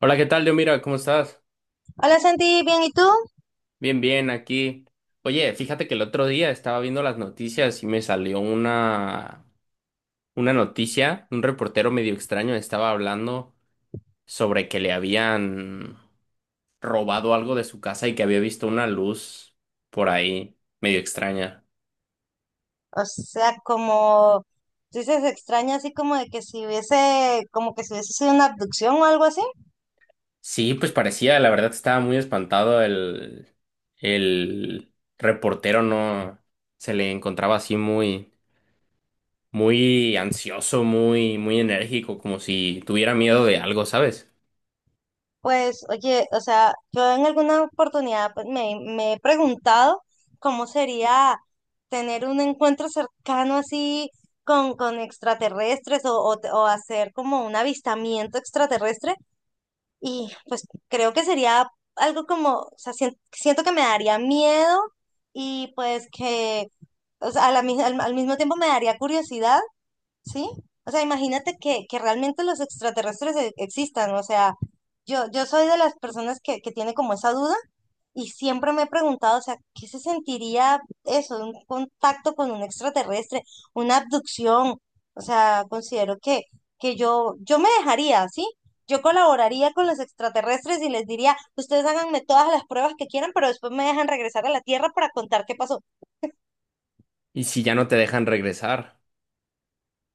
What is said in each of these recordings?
Hola, ¿qué tal, Dios? Mira, ¿cómo estás? Hola Santi, bien, ¿y tú? Bien, bien, aquí. Oye, fíjate que el otro día estaba viendo las noticias y me salió una noticia. Un reportero medio extraño estaba hablando sobre que le habían robado algo de su casa y que había visto una luz por ahí, medio extraña. O sea, como tú dices, extraña así como de que si hubiese, como que si hubiese sido una abducción o algo así. Sí, pues parecía, la verdad estaba muy espantado el reportero, no se le encontraba así muy ansioso, muy, muy enérgico, como si tuviera miedo de algo, ¿sabes? Pues, oye, o sea, yo en alguna oportunidad pues, me he preguntado cómo sería tener un encuentro cercano así con extraterrestres o hacer como un avistamiento extraterrestre. Y pues creo que sería algo como, o sea, siento que me daría miedo y pues que, o sea, a la mi- al, al mismo tiempo me daría curiosidad, ¿sí? O sea, imagínate que realmente los extraterrestres existan, o sea, yo soy de las personas que tiene como esa duda y siempre me he preguntado, o sea, ¿qué se sentiría eso, un contacto con un extraterrestre, una abducción? O sea, considero que yo me dejaría, ¿sí? Yo colaboraría con los extraterrestres y les diría, ustedes háganme todas las pruebas que quieran, pero después me dejan regresar a la Tierra para contar qué pasó. ¿Y si ya no te dejan regresar?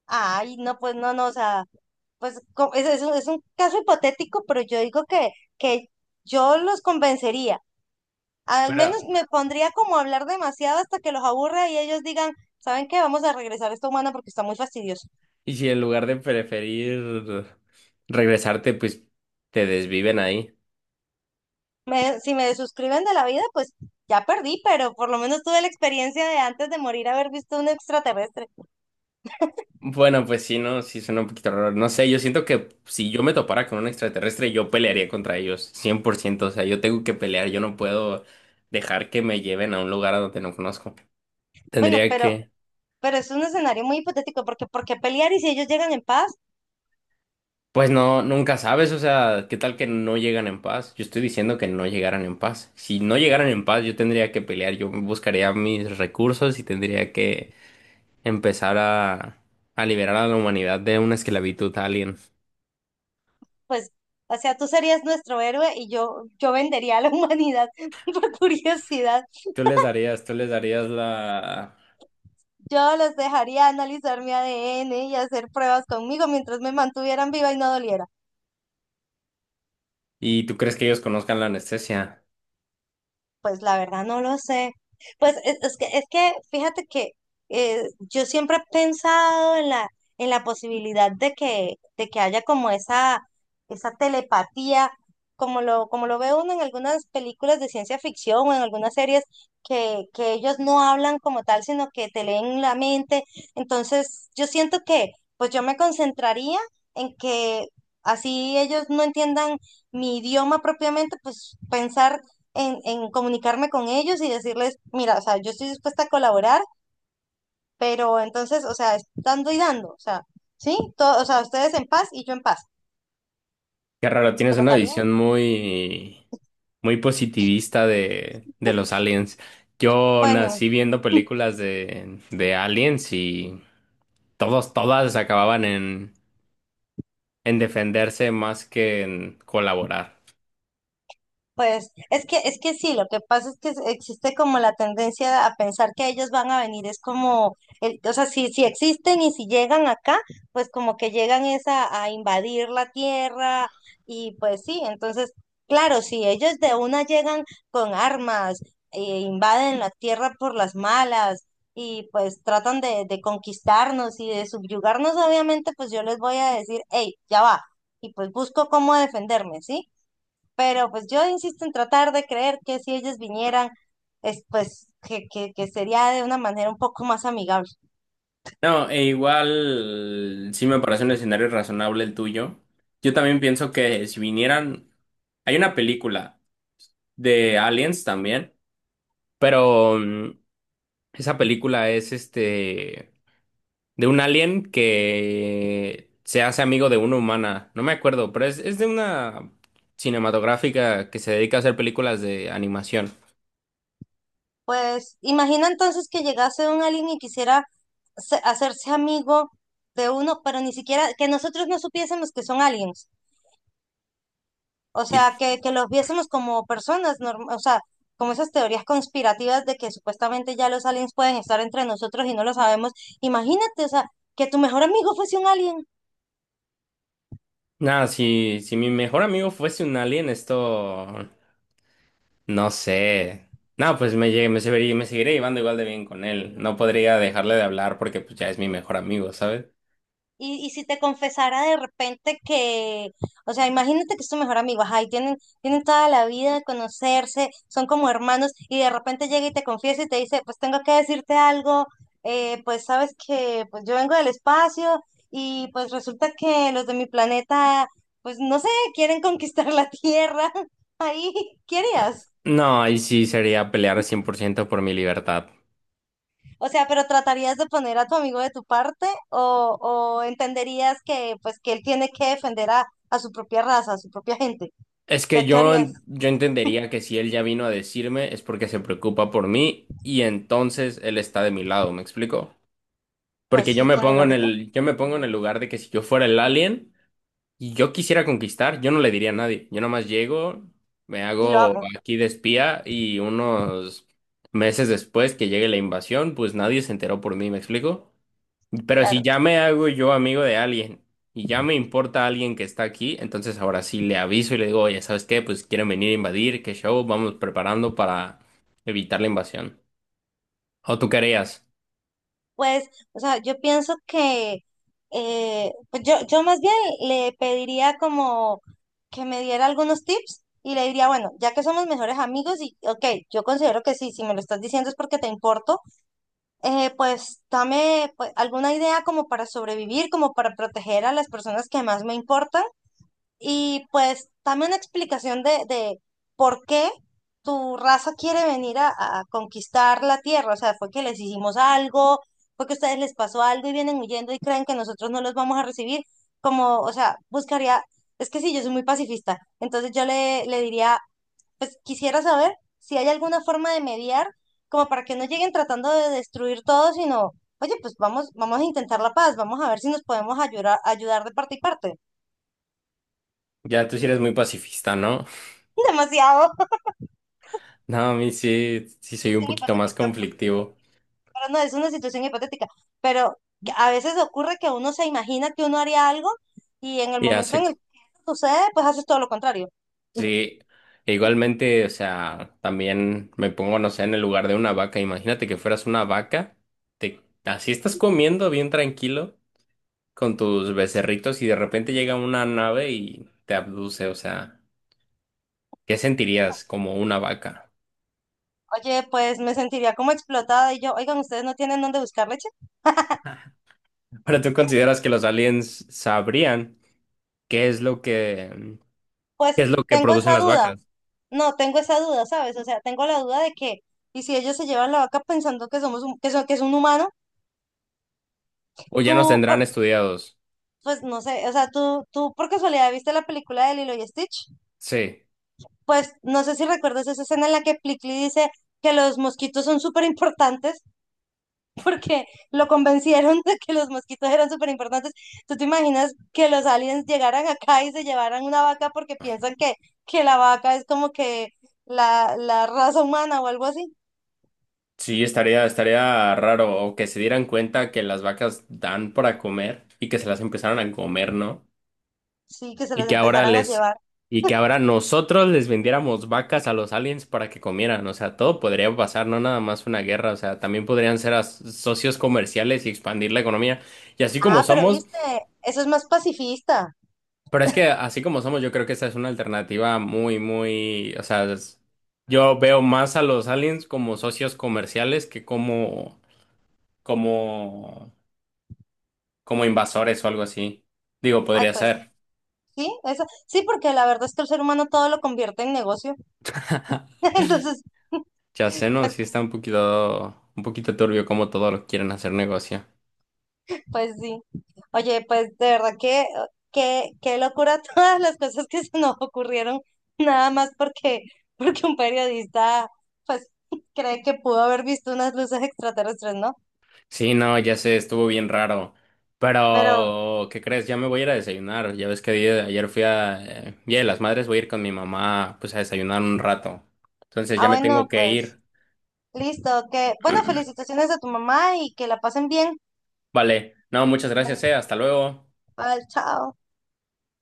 Ay, no, pues no, no, o sea, es un caso hipotético, pero yo digo que yo los convencería. Al Pero, menos me pondría como a hablar demasiado hasta que los aburra y ellos digan, ¿saben qué? Vamos a regresar a esta humana porque está muy fastidioso. ¿y si en lugar de preferir regresarte, pues te desviven ahí? Si me desuscriben de la vida, pues ya perdí, pero por lo menos tuve la experiencia de antes de morir haber visto un extraterrestre. Bueno, pues sí, no, sí suena un poquito raro. No sé, yo siento que si yo me topara con un extraterrestre, yo pelearía contra ellos, 100%. O sea, yo tengo que pelear, yo no puedo dejar que me lleven a un lugar a donde no conozco. Bueno, Tendría que... pero es un escenario muy hipotético porque ¿por qué pelear y si ellos llegan en paz, Pues no, nunca sabes, o sea, ¿qué tal que no llegan en paz? Yo estoy diciendo que no llegaran en paz. Si no llegaran en paz, yo tendría que pelear, yo buscaría mis recursos y tendría que empezar a liberar a la humanidad de una esclavitud alien. pues, o sea, tú serías nuestro héroe y yo vendería a la humanidad por curiosidad. Tú les darías la... Yo los dejaría analizar mi ADN y hacer pruebas conmigo mientras me mantuvieran viva y no doliera. ¿Y tú crees que ellos conozcan la anestesia? Pues la verdad no lo sé. Pues es que fíjate que yo siempre he pensado en la posibilidad de que haya como esa telepatía, como lo ve uno en algunas películas de ciencia ficción o en algunas series, que ellos no hablan como tal, sino que te leen la mente. Entonces, yo siento que pues yo me concentraría en que así ellos no entiendan mi idioma propiamente, pues pensar en comunicarme con ellos y decirles, mira, o sea, yo estoy dispuesta a colaborar, pero entonces, o sea, es dando y dando, o sea, ¿sí? Todo, o sea, ustedes en paz y yo en paz. Qué raro, tienes una Trataría. visión muy, muy positivista de los aliens. Yo Bueno, nací viendo películas de aliens y... Todos, todas acababan en defenderse más que en colaborar. pues es que sí, lo que pasa es que existe como la tendencia a pensar que ellos van a venir, es como, o sea, si, si existen y si llegan acá, pues como que llegan es a invadir la tierra y pues sí, entonces, claro, si ellos de una llegan con armas, e invaden la tierra por las malas y pues tratan de conquistarnos y de subyugarnos, obviamente, pues yo les voy a decir, hey, ya va, y pues busco cómo defenderme, ¿sí? Pero pues yo insisto en tratar de creer que si ellos vinieran, es, pues que sería de una manera un poco más amigable. No, e igual sí me parece un escenario razonable el tuyo. Yo también pienso que si vinieran, hay una película de Aliens también, pero esa película es este de un alien que se hace amigo de una humana. No me acuerdo, pero es de una cinematográfica que se dedica a hacer películas de animación. Pues imagina entonces que llegase un alien y quisiera hacerse amigo de uno, pero ni siquiera que nosotros no supiésemos que son aliens. O Y sea, que los viésemos como personas, o sea, como esas teorías conspirativas de que supuestamente ya los aliens pueden estar entre nosotros y no lo sabemos. Imagínate, o sea, que tu mejor amigo fuese un alien. no, si mi mejor amigo fuese un alien, esto no sé. No, pues me, llegué- me, seguiría, me seguiré llevando igual de bien con él. No podría dejarle de hablar porque pues ya es mi mejor amigo, ¿sabes? Y si te confesara de repente que, o sea, imagínate que es tu mejor amigo, ajá, y tienen toda la vida de conocerse, son como hermanos, y de repente llega y te confiesa y te dice, pues tengo que decirte algo, pues sabes que pues yo vengo del espacio y pues resulta que los de mi planeta, pues no sé, quieren conquistar la Tierra, ahí, ¿qué Ah, harías? no, ahí sí sería pelear 100% por mi libertad. O sea, pero ¿tratarías de poner a tu amigo de tu parte o entenderías que pues que él tiene que defender a su propia raza, a su propia gente? Es O que sea, ¿qué yo, harías? yo entendería que si él ya vino a decirme es porque se preocupa por mí y entonces él está de mi lado, ¿me explico? Pues Porque yo sí, me tiene pongo en lógica. el, yo me pongo en el lugar de que si yo fuera el alien y yo quisiera conquistar, yo no le diría a nadie. Yo nomás llego, me Y lo hago hago, aquí de espía y unos meses después que llegue la invasión, pues nadie se enteró por mí, ¿me explico? Pero si claro. ya me hago yo amigo de alguien y ya me importa alguien que está aquí, entonces ahora sí le aviso y le digo, oye, ¿sabes qué? Pues quieren venir a invadir, qué show, vamos preparando para evitar la invasión. ¿O tú querías? Pues, o sea, yo pienso que pues yo más bien le pediría como que me diera algunos tips y le diría, bueno, ya que somos mejores amigos y ok, yo considero que sí, si me lo estás diciendo es porque te importo. Pues dame pues, alguna idea como para sobrevivir, como para proteger a las personas que más me importan y pues dame una explicación de por qué tu raza quiere venir a conquistar la tierra. O sea, fue que les hicimos algo, fue que a ustedes les pasó algo y vienen huyendo y creen que nosotros no los vamos a recibir. Como, o sea, buscaría, es que sí, yo soy muy pacifista, entonces yo le diría, pues quisiera saber si hay alguna forma de mediar, como para que no lleguen tratando de destruir todo, sino, oye, pues vamos, vamos a intentar la paz, vamos a ver si nos podemos ayudar, ayudar de parte y parte. Ya tú sí eres muy pacifista, ¿no? Demasiado No, a mí sí, sí soy un situación poquito más hipotética, conflictivo. pero no es una situación hipotética, pero que a veces ocurre que uno se imagina que uno haría algo y en el Y momento hace en el que eso sucede, pues haces todo lo contrario. sí, e igualmente, o sea, también me pongo, no sé, en el lugar de una vaca. Imagínate que fueras una vaca, así estás comiendo bien tranquilo con tus becerritos y de repente llega una nave y te abduce, o sea, ¿qué sentirías como una vaca? Oye, pues me sentiría como explotada y yo, oigan, ¿ustedes no tienen dónde buscar leche? Ahora, ¿tú consideras que los aliens sabrían qué es lo que, Pues qué es lo que tengo producen esa las duda. vacas? No, tengo esa duda, ¿sabes? O sea, tengo la duda de que, y si ellos se llevan la vaca pensando que somos que es un humano, ¿O ya nos tú, tendrán por- estudiados? pues no sé, o sea, tú por casualidad viste la película de Lilo y Stitch, Sí. pues no sé si recuerdas esa escena en la que Plickly dice que los mosquitos son súper importantes, porque lo convencieron de que los mosquitos eran súper importantes. ¿Tú te imaginas que los aliens llegaran acá y se llevaran una vaca porque piensan que la vaca es como que la raza humana o algo así? Sí, estaría raro o que se dieran cuenta que las vacas dan para comer y que se las empezaron a comer, ¿no? Sí, que se Y los que ahora empezaran a les, llevar. y que ahora nosotros les vendiéramos vacas a los aliens para que comieran. O sea, todo podría pasar, no nada más una guerra. O sea, también podrían ser socios comerciales y expandir la economía. Y así como Ah, pero somos, viste, eso es más pacifista. pero es que así como somos, yo creo que esa es una alternativa muy, muy, o sea, yo veo más a los aliens como socios comerciales que como como invasores o algo así. Digo, Ay, podría pues ser. sí, eso, sí, porque la verdad es que el ser humano todo lo convierte en negocio. Entonces, Ya sé, no, pues, sí está un poquito turbio como todos lo quieren hacer negocio. pues sí. Oye, pues de verdad que, qué locura todas las cosas que se nos ocurrieron, nada más porque, porque un periodista, pues, cree que pudo haber visto unas luces extraterrestres, ¿no? Sí, no, ya sé, estuvo bien raro. Pero, Pero, ¿qué crees? Ya me voy a ir a desayunar. Ya ves que ayer fui a Día de las Madres, voy a ir con mi mamá, pues a desayunar un rato. Entonces ah, ya me tengo bueno, que pues, ir. listo, que, bueno, felicitaciones a tu mamá y que la pasen bien. Vale, no, muchas gracias, Bueno, hasta luego. bye, chao.